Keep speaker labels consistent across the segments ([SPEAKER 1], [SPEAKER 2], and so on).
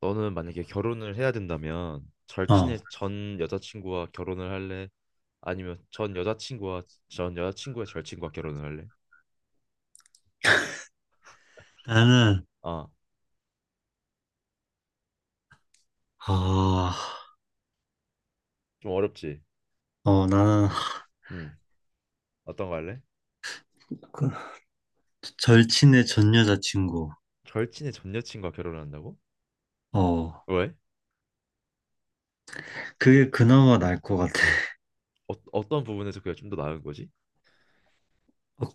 [SPEAKER 1] 너는 만약에 결혼을 해야 된다면
[SPEAKER 2] 어,
[SPEAKER 1] 절친의 전 여자친구와 결혼을 할래? 아니면 전 여자친구와 전 여자친구의 절친과 결혼을 할래?
[SPEAKER 2] 나는,
[SPEAKER 1] 아,
[SPEAKER 2] 아,
[SPEAKER 1] 좀 어렵지.
[SPEAKER 2] 나는
[SPEAKER 1] 어. 음, 어떤 거 할래?
[SPEAKER 2] 그 절친의 전 여자친구.
[SPEAKER 1] 절친의 전 여친과 결혼한다고?
[SPEAKER 2] 어,
[SPEAKER 1] 왜?
[SPEAKER 2] 그게 그나마 나을 것 같아.
[SPEAKER 1] 어, 어떤 부분에서 그게 좀 더 나은 거지?
[SPEAKER 2] 어,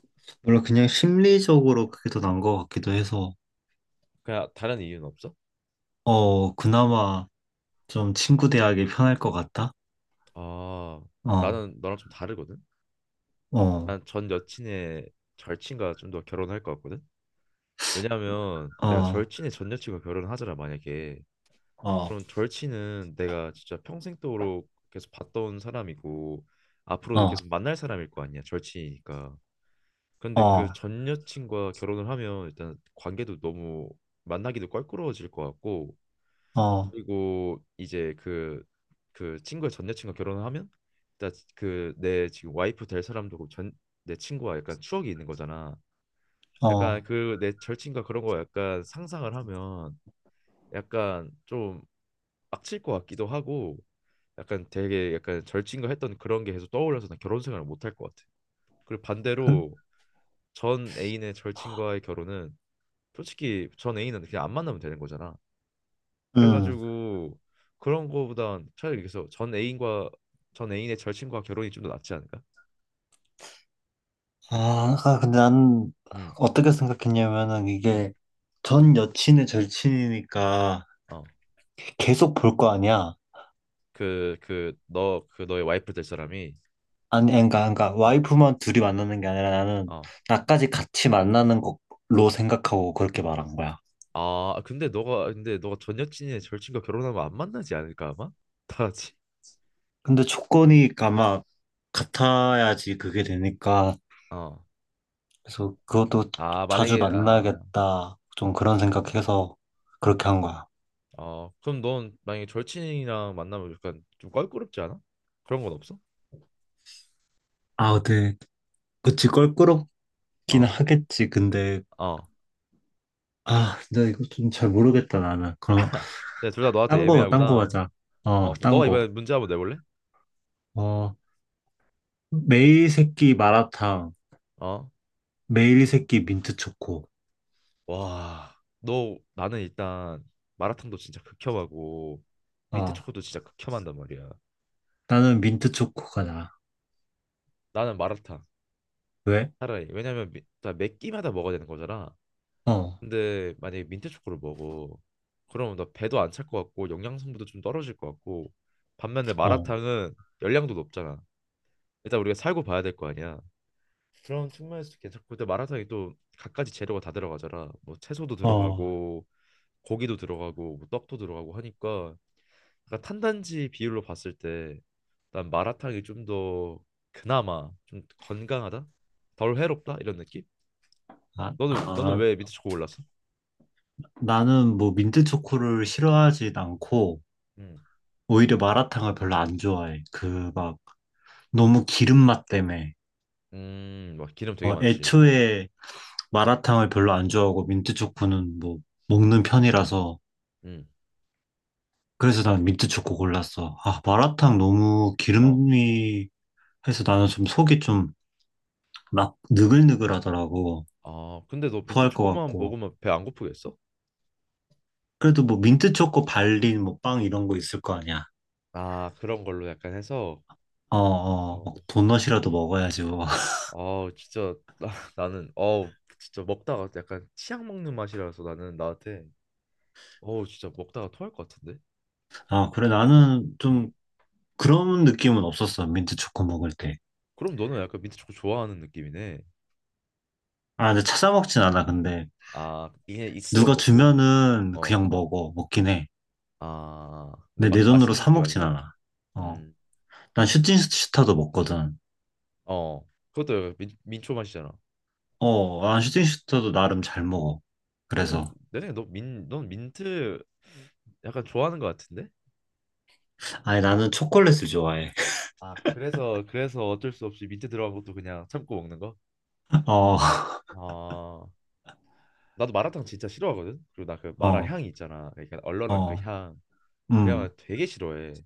[SPEAKER 2] 물론 그냥 심리적으로 그게 더 나은 것 같기도 해서,
[SPEAKER 1] 그냥 다른 이유는 없어?
[SPEAKER 2] 그나마 좀 친구 대하기 편할 것 같다.
[SPEAKER 1] 아,
[SPEAKER 2] 어,
[SPEAKER 1] 나는 너랑 좀 다르거든.
[SPEAKER 2] 어,
[SPEAKER 1] 난 전 여친의 절친과 좀 더 결혼할 것 같거든. 왜냐하면 내가
[SPEAKER 2] 어,
[SPEAKER 1] 절친의 전 여친과 결혼하잖아 을 만약에.
[SPEAKER 2] 어,
[SPEAKER 1] 그런 절친은 내가 진짜 평생도록 계속 봤던 사람이고 앞으로도
[SPEAKER 2] 어,
[SPEAKER 1] 계속 만날 사람일 거 아니야 절친이니까. 근데
[SPEAKER 2] 어,
[SPEAKER 1] 그 전 여친과 결혼을 하면 일단 관계도 너무 만나기도 껄끄러워질 것 같고,
[SPEAKER 2] 어,
[SPEAKER 1] 그리고 이제 그 친구의 전 여친과 결혼을 하면 일단 그 내 지금 와이프 될 사람도 전 내 친구와 약간 추억이 있는 거잖아. 약간
[SPEAKER 2] 어.
[SPEAKER 1] 그 내 절친과 그런 거 약간 상상을 하면 약간 좀막칠것 같기도 하고, 약간 되게 약간 절친과 했던 그런 게 계속 떠올라서 난 결혼 생활을 못 할 것 같아. 그리고
[SPEAKER 2] 근-
[SPEAKER 1] 반대로 전 애인의 절친과의 결혼은 솔직히 전 애인은 그냥 안 만나면 되는 거잖아.
[SPEAKER 2] 음.
[SPEAKER 1] 그래가지고 그런 거보단 차라리 그래서 전 애인과 전 애인의 절친과 결혼이 좀 더 낫지 않을까?
[SPEAKER 2] 아, 아, 근데 난
[SPEAKER 1] 음,
[SPEAKER 2] 어떻게 생각했냐면은
[SPEAKER 1] 음,
[SPEAKER 2] 이게 전 여친의 절친이니까
[SPEAKER 1] 어,
[SPEAKER 2] 계속 볼 거 아니야.
[SPEAKER 1] 너, 그 너의 와이프 될 사람이,
[SPEAKER 2] 아니, 그러니까, 그러니까
[SPEAKER 1] 어,
[SPEAKER 2] 와이프만 둘이 만나는 게 아니라 나는
[SPEAKER 1] 어,
[SPEAKER 2] 나까지 같이 만나는 걸로 생각하고 그렇게 말한 거야.
[SPEAKER 1] 아, 근데 너가 전 여친의 절친과 결혼하면 안 만나지 않을까 아마? 다 같이.
[SPEAKER 2] 근데 조건이 아마 같아야지 그게 되니까
[SPEAKER 1] 어.
[SPEAKER 2] 그래서 그것도
[SPEAKER 1] 아,
[SPEAKER 2] 자주
[SPEAKER 1] 만약에 아
[SPEAKER 2] 만나겠다 좀 그런 생각해서 그렇게 한 거야.
[SPEAKER 1] 어, 그럼 넌 만약에 절친이랑 만나면 약간 좀 껄끄럽지 않아? 그런 건 없어?
[SPEAKER 2] 아, 근데 그치 껄끄럽긴
[SPEAKER 1] 어,
[SPEAKER 2] 하겠지. 근데
[SPEAKER 1] 어.
[SPEAKER 2] 아, 나 이거 좀 잘 모르겠다 나는. 그럼
[SPEAKER 1] 제가 둘 다 너한테
[SPEAKER 2] 딴 거
[SPEAKER 1] 애매하구나.
[SPEAKER 2] 하자. 어,
[SPEAKER 1] 어, 그럼
[SPEAKER 2] 딴
[SPEAKER 1] 너가 이번에
[SPEAKER 2] 거.
[SPEAKER 1] 문제 한번 내볼래?
[SPEAKER 2] 어, 매일 새끼 마라탕,
[SPEAKER 1] 어?
[SPEAKER 2] 매일 새끼 민트 초코.
[SPEAKER 1] 와, 너 나는 일단 마라탕도 진짜 극혐하고 민트
[SPEAKER 2] 어,
[SPEAKER 1] 초코도 진짜 극혐한단 말이야.
[SPEAKER 2] 나는
[SPEAKER 1] 근
[SPEAKER 2] 민트 초코가 나.
[SPEAKER 1] 나는 마라탕
[SPEAKER 2] 왜?
[SPEAKER 1] 차라리 왜냐면 미, 나매 끼마다 먹어야 되는 거잖아.
[SPEAKER 2] 어,
[SPEAKER 1] 근데 만약에 민트 초코를 먹어, 그러면 나 배도 안 찰 것 같고 영양 성분도 좀 떨어질 것 같고, 반면에
[SPEAKER 2] 어,
[SPEAKER 1] 마라탕은 열량도 높잖아. 일단 우리가 살고 봐야 될 거 아니야. 그런 측면에서 괜찮고, 근데 마라탕이 또 갖가지 재료가 다 들어가잖아. 뭐 채소도
[SPEAKER 2] 어.
[SPEAKER 1] 들어가고 고기도 들어가고 뭐 떡도 들어가고 하니까 약간 탄단지 비율로 봤을 때 난 마라탕이 좀 더 그나마 좀 건강하다? 덜 해롭다? 이런 느낌?
[SPEAKER 2] 아,
[SPEAKER 1] 너는
[SPEAKER 2] 아,
[SPEAKER 1] 왜 민트 초코 골랐어?
[SPEAKER 2] 나는 뭐 민트 초코를 싫어하진 않고,
[SPEAKER 1] 음.
[SPEAKER 2] 오히려 마라탕을 별로 안 좋아해. 그 막, 너무 기름 맛 때문에.
[SPEAKER 1] 막 기름 되게 많지.
[SPEAKER 2] 애초에 마라탕을 별로 안 좋아하고, 민트 초코는 뭐, 먹는 편이라서.
[SPEAKER 1] 음.
[SPEAKER 2] 그래서 난 민트 초코 골랐어. 아, 마라탕
[SPEAKER 1] 어.
[SPEAKER 2] 너무
[SPEAKER 1] 어.
[SPEAKER 2] 기름이 해서 나는 좀 속이 좀 막 느글느글하더라고.
[SPEAKER 1] 아, 근데 너 민트
[SPEAKER 2] 토할 것
[SPEAKER 1] 초코만
[SPEAKER 2] 같고.
[SPEAKER 1] 먹으면 배 안 고프겠어?
[SPEAKER 2] 그래도 뭐 민트 초코 발린 뭐 빵 이런 거 있을 거 아니야.
[SPEAKER 1] 아, 그런 걸로 약간 해서
[SPEAKER 2] 어, 어, 막
[SPEAKER 1] 어,
[SPEAKER 2] 도넛이라도 먹어야지 뭐.
[SPEAKER 1] 아 진짜 나, 나는 어 진짜 먹다가 약간 치약 먹는 맛이라서 나는 나한테 어 진짜 먹다가 토할 것 같은데.
[SPEAKER 2] 아, 그래 나는
[SPEAKER 1] 음.
[SPEAKER 2] 좀 그런 느낌은 없었어. 민트 초코 먹을 때.
[SPEAKER 1] 그럼 너는 약간 민트 초코 좋아하는 느낌이네.
[SPEAKER 2] 아, 근데 찾아 먹진 않아. 근데
[SPEAKER 1] 아 이게 있으면
[SPEAKER 2] 누가
[SPEAKER 1] 먹고
[SPEAKER 2] 주면은 그냥 먹어. 먹긴 해.
[SPEAKER 1] 어 아 근데
[SPEAKER 2] 근데
[SPEAKER 1] 막
[SPEAKER 2] 내 돈으로
[SPEAKER 1] 맛있는
[SPEAKER 2] 사
[SPEAKER 1] 느낌
[SPEAKER 2] 먹진
[SPEAKER 1] 아니고
[SPEAKER 2] 않아. 어, 난 슈팅슈타도 먹거든.
[SPEAKER 1] 음어 그것도 약간 민, 민초 맛이잖아.
[SPEAKER 2] 어, 난 슈팅슈타도 나름 잘 먹어.
[SPEAKER 1] 그럼
[SPEAKER 2] 그래서
[SPEAKER 1] 내 생각에 너민넌 민트 약간 좋아하는 것 같은데.
[SPEAKER 2] 아니 나는 초콜릿을 좋아해.
[SPEAKER 1] 아 그래서 그래서 어쩔 수 없이 민트 들어간 것도 그냥 참고 먹는 거?
[SPEAKER 2] 어,
[SPEAKER 1] 아 나도 마라탕 진짜 싫어하거든. 그리고 나 그 마라
[SPEAKER 2] 어,
[SPEAKER 1] 향이 있잖아. 그러니까 얼얼한 그
[SPEAKER 2] 어,
[SPEAKER 1] 향. 그
[SPEAKER 2] 음.
[SPEAKER 1] 향을 되게 싫어해.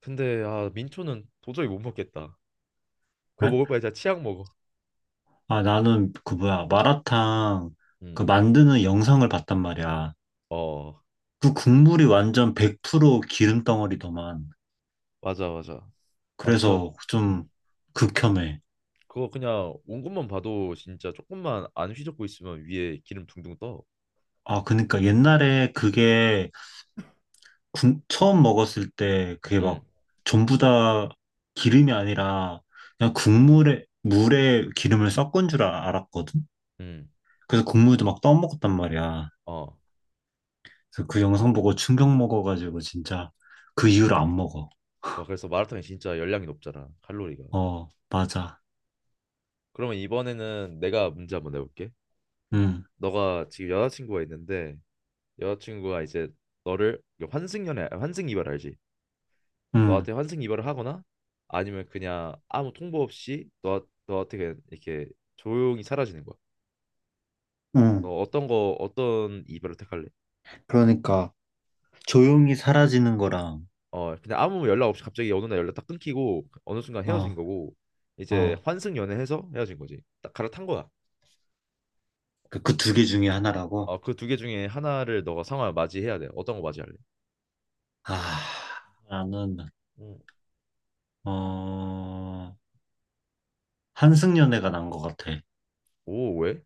[SPEAKER 1] 근데 아 민초는 도저히 못 먹겠다. 그거
[SPEAKER 2] 그래?
[SPEAKER 1] 먹을 바에 진짜 치약 먹어.
[SPEAKER 2] 아, 나는 그 뭐야, 마라탕 그
[SPEAKER 1] 음.
[SPEAKER 2] 만드는 영상을 봤단 말이야.
[SPEAKER 1] 어
[SPEAKER 2] 그 국물이 완전 100% 기름 덩어리더만.
[SPEAKER 1] 맞아, 맞아. 완전.
[SPEAKER 2] 그래서 좀
[SPEAKER 1] 음.
[SPEAKER 2] 극혐해.
[SPEAKER 1] 그거 그냥 온 것만 봐도 진짜 조금만 안 휘젓고 있으면 위에 기름 둥둥 떠.
[SPEAKER 2] 아, 그러니까 옛날에 그게 처음 먹었을 때 그게 막
[SPEAKER 1] 음.
[SPEAKER 2] 전부 다 기름이 아니라 그냥 국물에, 물에 기름을 섞은 줄 알았거든?
[SPEAKER 1] 음.
[SPEAKER 2] 그래서 국물도 막 떠먹었단 말이야.
[SPEAKER 1] 어.
[SPEAKER 2] 그래서 그 영상 보고 충격 먹어가지고 진짜 그 이후로 안 먹어.
[SPEAKER 1] 와 그래서 마라탕이 진짜 열량이 높잖아 칼로리가.
[SPEAKER 2] 어, 맞아.
[SPEAKER 1] 그러면 이번에는 내가 문제 한번 내볼게.
[SPEAKER 2] 음.
[SPEAKER 1] 너가 지금 여자친구가 있는데 여자친구가 이제 너를 환승연애 환승 이별 알지?
[SPEAKER 2] 응,
[SPEAKER 1] 너한테 환승 이별을 하거나 아니면 그냥 아무 통보 없이 너 너한테 그냥 이렇게 조용히 사라지는 거야.
[SPEAKER 2] 응.
[SPEAKER 1] 너 어떤 이별을 택할래?
[SPEAKER 2] 그러니까 조용히 사라지는 거랑
[SPEAKER 1] 어 그냥 아무 연락 없이 갑자기 어느 날 연락 딱 끊기고 어느 순간 헤어진
[SPEAKER 2] 어,
[SPEAKER 1] 거고 이제
[SPEAKER 2] 어,
[SPEAKER 1] 환승 연애해서 헤어진 거지. 딱 갈아탄 거야.
[SPEAKER 2] 그 두 개 중에 하나라고?
[SPEAKER 1] 어그 두 개 중에 하나를 너가 상황을 맞이해야 돼. 어떤 거 맞이할래?
[SPEAKER 2] 아, 나는
[SPEAKER 1] 음.
[SPEAKER 2] 어, 한승연애가 난 것 같아.
[SPEAKER 1] 오 왜?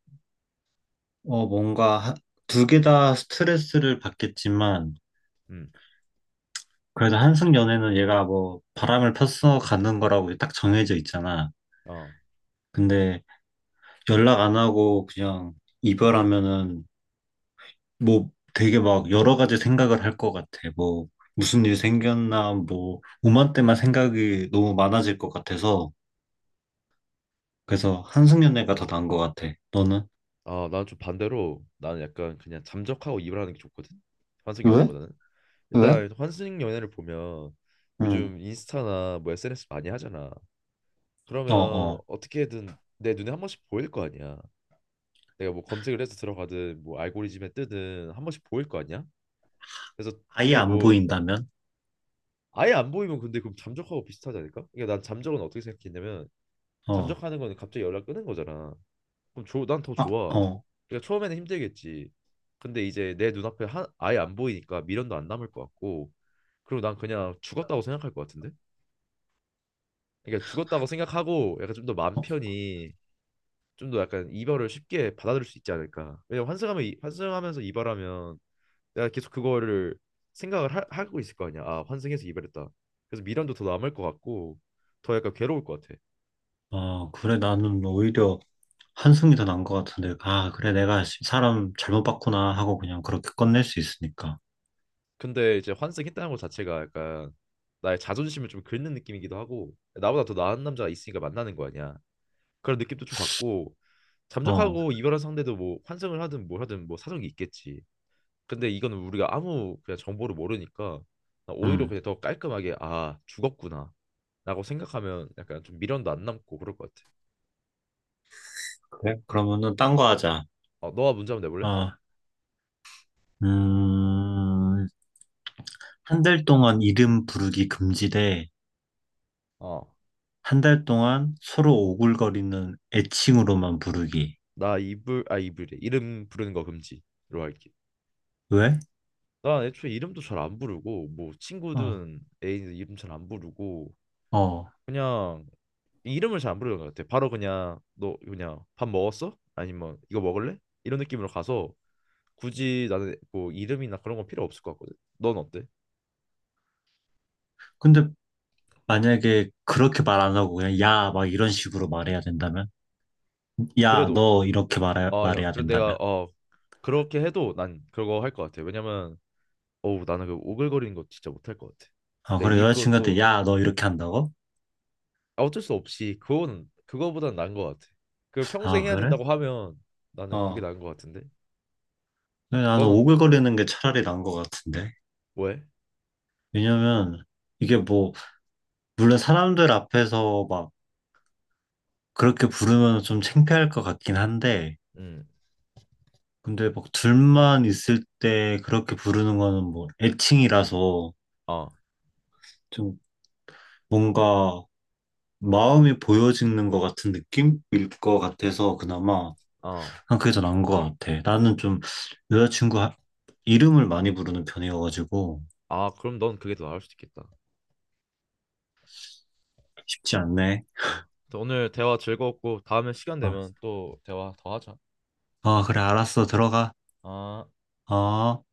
[SPEAKER 2] 어, 뭔가 두 개 다 스트레스를 받겠지만
[SPEAKER 1] 음.
[SPEAKER 2] 그래도 한승연애는 얘가 뭐 바람을 폈어 가는 거라고 딱 정해져 있잖아.
[SPEAKER 1] 어.
[SPEAKER 2] 근데 연락 안 하고 그냥 이별하면은 뭐 되게 막 여러 가지 생각을 할 것 같아. 뭐 무슨 일 생겼나, 뭐 오만 때만 생각이 너무 많아질 것 같아서 그래서 한승연 애가 더 나은 것 같아. 너는?
[SPEAKER 1] 아, 난 좀 반대로 나는 약간 그냥 잠적하고 입을 하는 게 좋거든. 환승
[SPEAKER 2] 왜?
[SPEAKER 1] 연애보다는.
[SPEAKER 2] 왜?
[SPEAKER 1] 일단 환승 연애를 보면
[SPEAKER 2] 응.
[SPEAKER 1] 요즘 인스타나 뭐 SNS 많이 하잖아.
[SPEAKER 2] 어,
[SPEAKER 1] 그러면
[SPEAKER 2] 어.
[SPEAKER 1] 어떻게든 내 눈에 한 번씩 보일 거 아니야. 내가 뭐 검색을 해서 들어가든 뭐 알고리즘에 뜨든 한 번씩 보일 거 아니야. 그래서
[SPEAKER 2] 아예
[SPEAKER 1] 둘이
[SPEAKER 2] 안
[SPEAKER 1] 뭐
[SPEAKER 2] 보인다면?
[SPEAKER 1] 아예 안 보이면 근데 그럼 잠적하고 비슷하지 않을까? 그러니까 난 잠적은 어떻게 생각했냐면
[SPEAKER 2] 어,
[SPEAKER 1] 잠적하는 거는 갑자기 연락 끊은 거잖아. 그럼 조, 난 더
[SPEAKER 2] 아,
[SPEAKER 1] 좋아.
[SPEAKER 2] 어.
[SPEAKER 1] 그러니까 처음에는 힘들겠지. 근데 이제 내 눈앞에 하, 아예 안 보이니까 미련도 안 남을 것 같고, 그리고 난 그냥 죽었다고 생각할 것 같은데? 그러니까 죽었다고 생각하고 약간 좀 더 마음
[SPEAKER 2] 어,
[SPEAKER 1] 편히 좀 더 약간 이별을 쉽게 받아들일 수 있지 않을까? 왜냐면 환승하면 환승하면서 이별하면 내가 계속 그거를 생각을 하고 있을 거 아니야. 아, 환승해서 이별했다. 그래서 미련도 더 남을 것 같고 더 약간 괴로울 것 같아.
[SPEAKER 2] 어, 그래, 나는 오히려 한승이 더 나은 것 같은데, 아, 그래, 내가 사람 잘못 봤구나 하고 그냥 그렇게 끝낼 수 있으니까.
[SPEAKER 1] 근데 이제 환승했다는 것 자체가 약간 나의 자존심을 좀 긁는 느낌이기도 하고 나보다 더 나은 남자가 있으니까 만나는 거 아니야. 그런 느낌도 좀 받고
[SPEAKER 2] 어,
[SPEAKER 1] 잠적하고 이별한 상대도 뭐 환승을 하든 뭘 하든 뭐 사정이 있겠지. 근데 이거는 우리가 아무 그냥 정보를 모르니까 나 오히려
[SPEAKER 2] 음,
[SPEAKER 1] 그냥 더 깔끔하게 아 죽었구나 라고 생각하면 약간 좀 미련도 안 남고 그럴 것 같아.
[SPEAKER 2] 그래, 그러면은 딴 거 하자.
[SPEAKER 1] 어 너가 문제 한번 내볼래?
[SPEAKER 2] 어, 음, 한 달 동안 이름 부르기 금지 돼
[SPEAKER 1] 어
[SPEAKER 2] 한 달 동안 서로 오글거리는 애칭으로만 부르기.
[SPEAKER 1] 나 이불 아 이불이 래 이름 부르는 거 금지로 할게.
[SPEAKER 2] 왜?
[SPEAKER 1] 난 애초에 이름도 잘 안 부르고 뭐
[SPEAKER 2] 어.
[SPEAKER 1] 친구든 애인 이름 잘 안 부르고
[SPEAKER 2] 어.
[SPEAKER 1] 그냥 이름을 잘 안 부르는 것 같아. 바로 그냥 너 그냥 밥 먹었어? 아니면 이거 먹을래? 이런 느낌으로 가서 굳이 나는 뭐 이름이나 그런 건 필요 없을 것 같거든. 넌 어때?
[SPEAKER 2] 근데 만약에 그렇게 말 안 하고 그냥 야, 막 이런 식으로 말해야 된다면? 야,
[SPEAKER 1] 그래도
[SPEAKER 2] 너 이렇게
[SPEAKER 1] 아 야
[SPEAKER 2] 말해야
[SPEAKER 1] 그래 내가
[SPEAKER 2] 된다면?
[SPEAKER 1] 어 그렇게 해도 난 그거 할 것 같아. 왜냐면 어우 나는 그 오글거리는 거 진짜 못 할 것 같아.
[SPEAKER 2] 아,
[SPEAKER 1] 내
[SPEAKER 2] 그래,
[SPEAKER 1] 입으로
[SPEAKER 2] 여자친구한테
[SPEAKER 1] 또
[SPEAKER 2] 야, 너 이렇게 한다고?
[SPEAKER 1] 아, 어쩔 수 없이 그거는 그거보단 나은 것 같아. 그 평생
[SPEAKER 2] 아,
[SPEAKER 1] 해야
[SPEAKER 2] 그래?
[SPEAKER 1] 된다고 하면 나는 그게
[SPEAKER 2] 어.
[SPEAKER 1] 나은 것 같은데.
[SPEAKER 2] 근데 나는
[SPEAKER 1] 너는
[SPEAKER 2] 오글거리는 게 차라리 나은 것 같은데.
[SPEAKER 1] 왜?
[SPEAKER 2] 왜냐면 이게 뭐, 물론 사람들 앞에서 막 그렇게 부르면 좀 창피할 것 같긴 한데,
[SPEAKER 1] 음,
[SPEAKER 2] 근데 막 둘만 있을 때 그렇게 부르는 거는 뭐 애칭이라서
[SPEAKER 1] 어,
[SPEAKER 2] 좀 뭔가 마음이 보여지는 것 같은 느낌일 것 같아서 그나마
[SPEAKER 1] 어.
[SPEAKER 2] 한 그게 더 나은 것 같아. 나는 좀 여자친구 이름을 많이 부르는 편이어가지고
[SPEAKER 1] 아, 그럼 넌 그게 더 나을 수도 있겠다.
[SPEAKER 2] 쉽지 않네.
[SPEAKER 1] 아, 아무튼 오늘 대화 즐거웠고 다음에 시간
[SPEAKER 2] 아,
[SPEAKER 1] 되면 또 대화 더 하자.
[SPEAKER 2] 아, 그래 알았어 들어가.
[SPEAKER 1] 아.
[SPEAKER 2] 어.